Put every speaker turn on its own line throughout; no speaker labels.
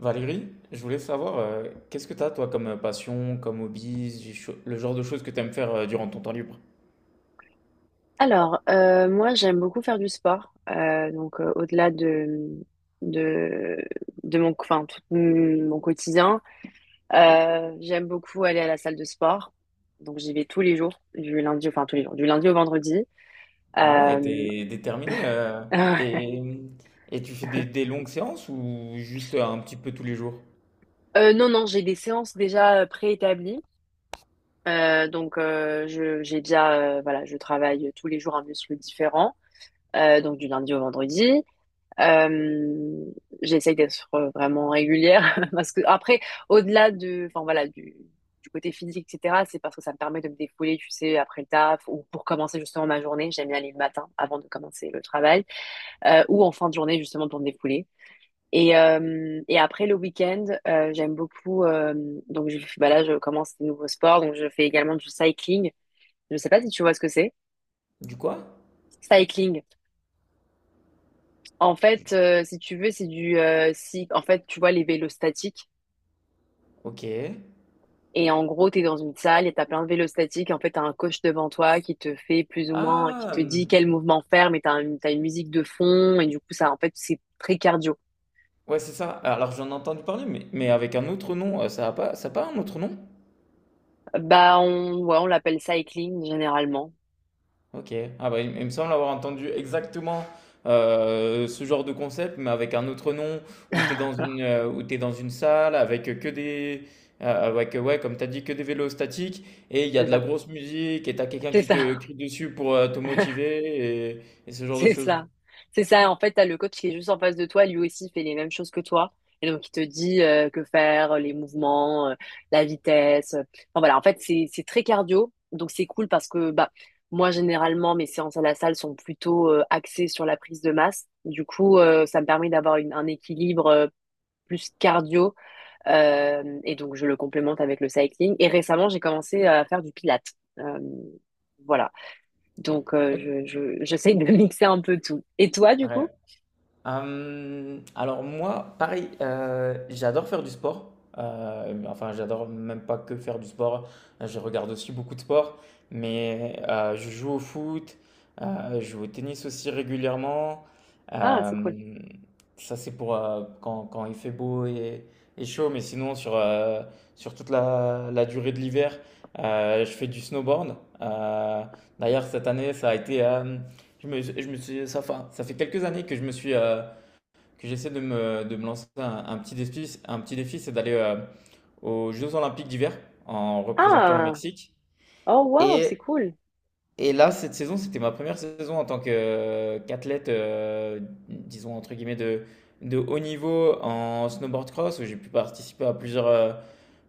Valérie, je voulais savoir, qu'est-ce que t'as toi comme passion, comme hobby, le genre de choses que t'aimes faire durant ton temps libre?
Alors, moi, j'aime beaucoup faire du sport. Donc, au-delà de, de mon, enfin, tout mon quotidien, j'aime beaucoup aller à la salle de sport. Donc, j'y vais tous les jours, du lundi, enfin, tous les jours, du lundi au vendredi.
Ah ouais,
Euh,
t'es déterminé.
euh,
et, et tu fais des longues séances ou juste un petit peu tous les jours?
non, non, j'ai des séances déjà préétablies. Donc, j'ai déjà, voilà, je travaille tous les jours un muscle différent, donc du lundi au vendredi. Euh, J'essaye d'être vraiment régulière parce que après, au-delà de, enfin voilà, du côté physique, etc., c'est parce que ça me permet de me défouler, tu sais, après le taf ou pour commencer justement ma journée. J'aime bien aller le matin avant de commencer le travail ou en fin de journée justement pour me défouler. Et après le week-end, j'aime beaucoup. Donc bah là, je commence des nouveaux sports. Donc je fais également du cycling. Je sais pas si tu vois ce que c'est.
Du quoi?
Cycling. En fait, si tu veux, c'est du si en fait tu vois les vélos statiques.
Ok.
Et en gros, tu es dans une salle et tu as plein de vélostatiques. En fait, tu as un coach devant toi qui te fait plus ou moins, qui
Ah,
te dit quel mouvement faire, mais tu as, une t'as une musique de fond. Et du coup, ça, en fait, c'est très cardio.
ouais, c'est ça. Alors j'en ai entendu parler, mais avec un autre nom, ça a pas un autre nom?
Bah, on, ouais, on l'appelle cycling généralement.
Ok. Ah bah, il me semble avoir entendu exactement ce genre de concept, mais avec un autre nom, où tu es dans une, où t'es dans une salle avec que des. Avec, ouais, comme tu as dit, que des vélos statiques, et il y a
C'est
de la
ça.
grosse musique, et tu as quelqu'un
C'est
qui te
ça.
crie dessus pour te motiver, et ce genre de
C'est
choses.
ça. C'est ça. En fait, t'as le coach qui est juste en face de toi. Lui aussi fait les mêmes choses que toi. Et donc, il te dit que faire, les mouvements, la vitesse. Enfin, voilà. En fait, c'est très cardio. Donc, c'est cool parce que, bah, moi, généralement, mes séances à la salle sont plutôt axées sur la prise de masse. Du coup, ça me permet d'avoir un équilibre plus cardio. Et donc, je le complémente avec le cycling. Et récemment, j'ai commencé à faire du pilates. Euh, voilà. Donc, j'essaye de mixer un peu tout. Et toi, du coup?
Ouais. Alors moi, pareil, j'adore faire du sport. Mais enfin, j'adore même pas que faire du sport. Je regarde aussi beaucoup de sport, mais je joue au foot, je joue au tennis aussi régulièrement.
Ah, c'est cool.
Euh, Ça, c'est pour quand il fait beau et chaud, mais sinon, sur toute la durée de l'hiver, je fais du snowboard. Euh, D'ailleurs, cette année, je me suis, ça fait quelques années que que j'essaie de de me lancer un petit défi, c'est d'aller aux Jeux Olympiques d'hiver en représentant le
Ah,
Mexique.
oh, wow, c'est
Et,
cool.
et là, cette saison, c'était ma première saison en tant que, qu'athlète, disons entre guillemets de haut niveau en snowboard cross, où j'ai pu participer à plusieurs,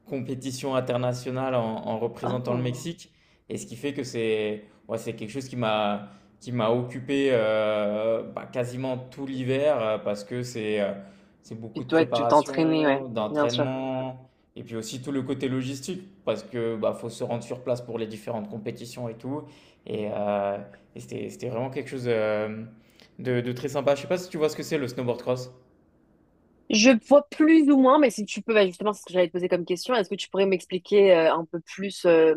compétition internationale en, en représentant le
Ah.
Mexique. Et ce qui fait que c'est ouais, c'est quelque chose qui m'a occupé bah, quasiment tout l'hiver parce que c'est
Puis
beaucoup de
toi, tu t'entraînais, ouais,
préparation,
bien sûr.
d'entraînement et puis aussi tout le côté logistique parce que bah, faut se rendre sur place pour les différentes compétitions et tout. Et, euh, et c'était c'était vraiment quelque chose de très sympa. Je sais pas si tu vois ce que c'est le snowboard cross.
Je vois plus ou moins, mais si tu peux, bah, justement, c'est ce que j'allais te poser comme question. Est-ce que tu pourrais m'expliquer un peu plus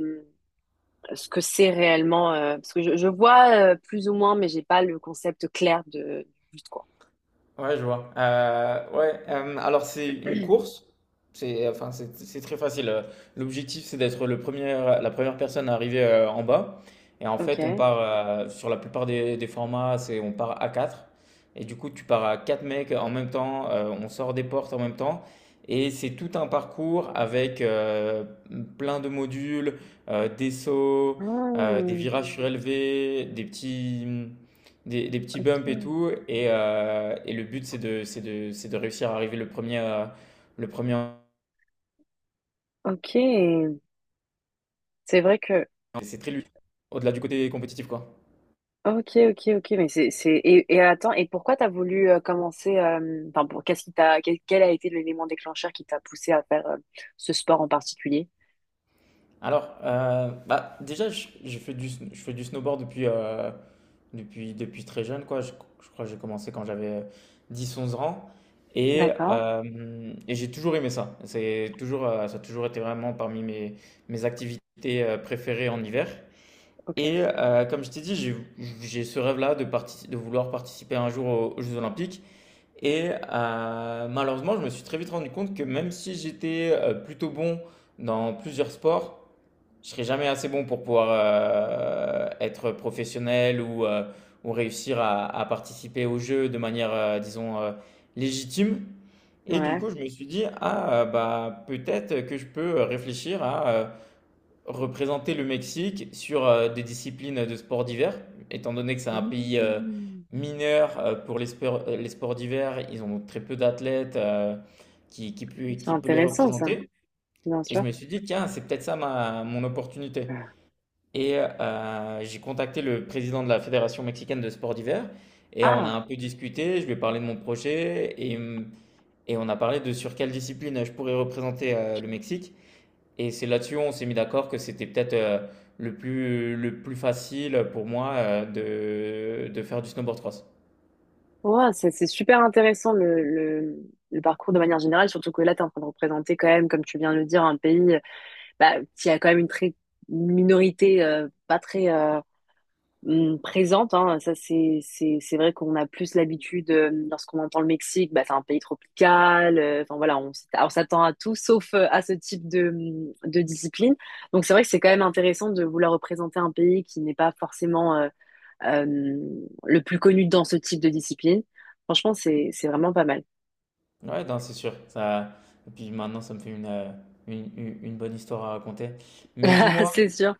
ce que c'est réellement parce que je vois plus ou moins, mais j'ai pas le concept clair de du but, quoi.
Ouais, je vois. Ouais, alors c'est une course. C'est enfin, c'est très facile. L'objectif, c'est d'être le premier, la première personne à arriver en bas. Et en fait, on
Ok.
part sur la plupart des formats, c'est on part à 4. Et du coup, tu pars à 4 mecs en même temps. On sort des portes en même temps. Et c'est tout un parcours avec plein de modules, des sauts, des
Ah,
virages surélevés, des petits bumps et
ok.
tout. Et le but, c'est de, c'est de, c'est de réussir à arriver le premier. Le premier.
Ok. C'est vrai que
C'est très ludique, au-delà du côté compétitif, quoi.
Ok, ok, ok, mais attends, et pourquoi t'as voulu commencer, enfin, pour, quel a été l'élément déclencheur qui t'a poussé à faire ce sport en particulier?
Alors, déjà, je fais du snowboard depuis, depuis très jeune, quoi. Je crois que j'ai commencé quand j'avais 10 ou 11 ans.
D'accord,
Et j'ai toujours aimé ça. Ça a toujours été vraiment parmi mes, mes activités préférées en hiver.
ok,
Comme je t'ai dit, j'ai ce rêve-là de, de vouloir participer un jour aux, aux Jeux Olympiques. Malheureusement, je me suis très vite rendu compte que même si j'étais plutôt bon dans plusieurs sports, je serais jamais assez bon pour pouvoir être professionnel ou réussir à participer aux Jeux de manière, disons, légitime. Et du
ouais.
coup, je me suis dit, ah, bah, peut-être que je peux réfléchir à représenter le Mexique sur des disciplines de sports d'hiver, étant donné que c'est un pays
Mm.
mineur pour sports les sports d'hiver, ils ont très peu d'athlètes peut
C'est
qui peut les
intéressant, ça,
représenter.
bien
Et je
sûr.
me suis dit, tiens, c'est peut-être ça ma, mon opportunité. J'ai contacté le président de la Fédération mexicaine de sports d'hiver et on a
Ah,
un peu discuté, je lui ai parlé de mon projet et on a parlé de sur quelle discipline je pourrais représenter le Mexique. Et c'est là-dessus, où on s'est mis d'accord que c'était peut-être le plus facile pour moi de faire du snowboard cross.
ouais, c'est super intéressant le parcours de manière générale, surtout que là, tu es en train de représenter quand même, comme tu viens de le dire, un pays bah, il y a quand même une minorité pas très présente. Hein. Ça, c'est vrai qu'on a plus l'habitude lorsqu'on entend le Mexique, bah, c'est un pays tropical. Enfin voilà, on s'attend à tout sauf à ce type de discipline. Donc c'est vrai que c'est quand même intéressant de vouloir représenter un pays qui n'est pas forcément euh, le plus connu dans ce type de discipline. Franchement, c'est vraiment pas mal.
Ouais, non, c'est sûr. Ça... Et puis maintenant, ça me fait une bonne histoire à raconter. Mais dis-moi,
C'est sûr.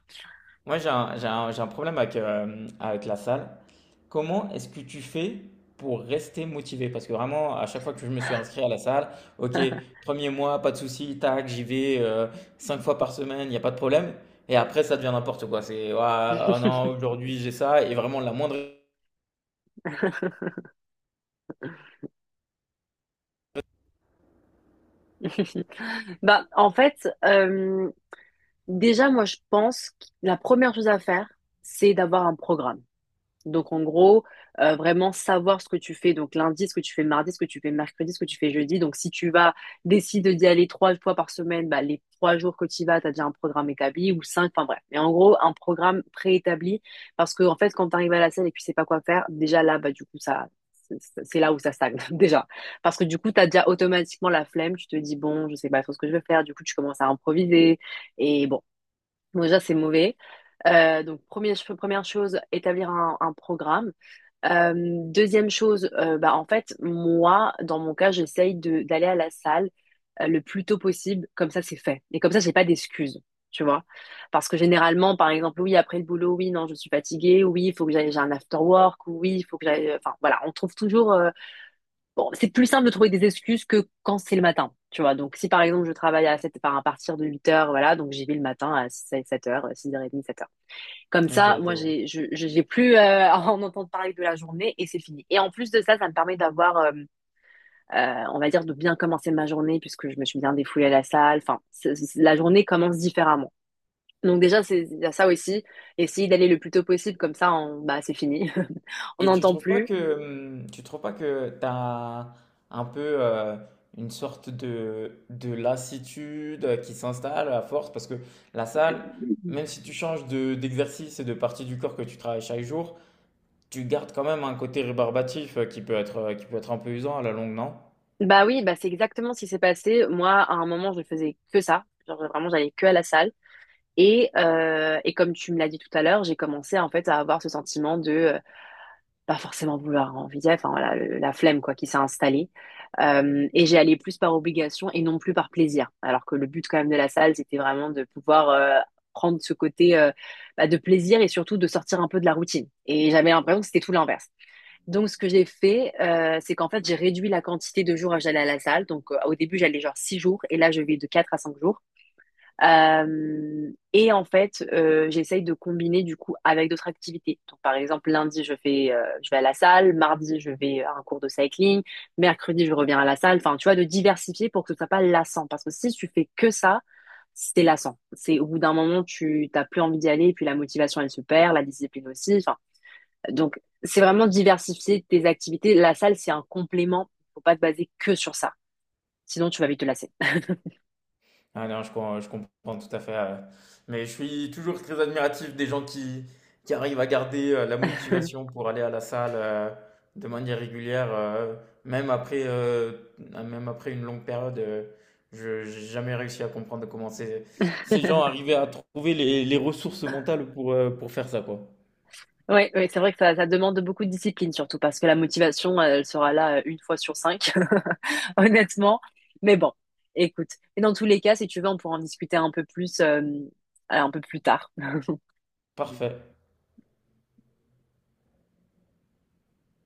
moi, j'ai un problème avec, avec la salle. Comment est-ce que tu fais pour rester motivé? Parce que vraiment, à chaque fois que je me suis inscrit à la salle, ok, premier mois, pas de souci, tac, j'y vais 5 fois par semaine, il n'y a pas de problème. Et après, ça devient n'importe quoi. C'est, ouah, oh non, aujourd'hui j'ai ça, et vraiment la moindre.
Bah, en fait, déjà, moi, je pense que la première chose à faire, c'est d'avoir un programme. Donc, en gros, vraiment savoir ce que tu fais. Donc, lundi, ce que tu fais mardi, ce que tu fais mercredi, ce que tu fais jeudi. Donc, si tu vas, décides d'y aller 3 fois par semaine, bah, les 3 jours que tu y vas, tu as déjà un programme établi ou cinq, enfin bref. Mais en gros, un programme préétabli parce que, en fait, quand tu arrives à la scène et que tu sais pas quoi faire, déjà là, bah, du coup, ça, c'est là où ça stagne, déjà. Parce que, du coup, t'as déjà automatiquement la flemme. Tu te dis, bon, je sais pas trop ce que je veux faire. Du coup, tu commences à improviser. Et bon. Donc déjà, c'est mauvais. Donc première chose, établir un programme. Euh, Deuxième chose, bah, en fait, moi, dans mon cas, j'essaye de d'aller à la salle le plus tôt possible. Comme ça, c'est fait. Et comme ça, j'ai pas d'excuses, tu vois. Parce que généralement, par exemple, oui, après le boulot, oui, non, je suis fatiguée. Oui, il faut que j'aille, j'ai un after work. Oui, il faut que j'aille. Enfin, voilà, on trouve toujours bon, c'est plus simple de trouver des excuses que quand c'est le matin, tu vois. Donc, si par exemple, je travaille à 7, enfin, à partir de 8 heures, voilà, donc j'y vais le matin à 7 heures, 6h30, 7 heures. Comme
Ok,
ça,
je
moi,
vois.
j'ai plus à en entendre parler de la journée et c'est fini. Et en plus de ça, ça me permet d'avoir, on va dire, de bien commencer ma journée puisque je me suis bien défoulée à la salle. Enfin, la journée commence différemment. Donc déjà, c'est, il y a ça aussi. Essayer d'aller le plus tôt possible, comme ça, on, bah, c'est fini. On
Et tu
n'entend
trouves pas
plus.
que tu trouves pas que t'as un peu une sorte de lassitude qui s'installe à force parce que la salle, même si tu changes de, d'exercice et de partie du corps que tu travailles chaque jour, tu gardes quand même un côté rébarbatif qui peut être un peu usant à la longue, non?
Bah oui, bah c'est exactement ce qui s'est passé. Moi, à un moment, je faisais que ça. Genre, vraiment, j'allais que à la salle. Et comme tu me l'as dit tout à l'heure, j'ai commencé en fait à avoir ce sentiment de pas forcément vouloir envie, enfin voilà, la flemme quoi qui s'est installée. Et j'ai allé plus par obligation et non plus par plaisir. Alors que le but quand même de la salle, c'était vraiment de pouvoir prendre ce côté bah, de plaisir et surtout de sortir un peu de la routine. Et j'avais l'impression que c'était tout l'inverse. Donc, ce que j'ai fait, c'est qu'en fait, j'ai réduit la quantité de jours à j'allais à la salle. Donc, au début, j'allais genre 6 jours et là, je vais de 4 à 5 jours. Et en fait, j'essaye de combiner du coup avec d'autres activités. Donc, par exemple, lundi, je vais à la salle. Mardi, je vais à un cours de cycling. Mercredi, je reviens à la salle. Enfin, tu vois, de diversifier pour que ce soit pas lassant. Parce que si tu fais que ça, c'est lassant. C'est au bout d'un moment, tu t'as plus envie d'y aller. Et puis, la motivation, elle se perd, la discipline aussi. Enfin, donc, c'est vraiment diversifier tes activités. La salle, c'est un complément. Faut pas te baser que sur ça. Sinon, tu vas vite te lasser.
Ah non, je, je comprends tout à fait. Mais je suis toujours très admiratif des gens qui arrivent à garder la motivation pour aller à la salle de manière régulière, même après, euh, même après une longue période. Je n'ai jamais réussi à comprendre comment ces, ces gens arrivaient à trouver les ressources mentales pour faire ça, quoi.
Oui, oui, c'est vrai que ça demande beaucoup de discipline, surtout parce que la motivation, elle sera là une fois sur cinq, honnêtement. Mais bon, écoute. Et dans tous les cas, si tu veux, on pourra en discuter un peu plus tard.
Parfait.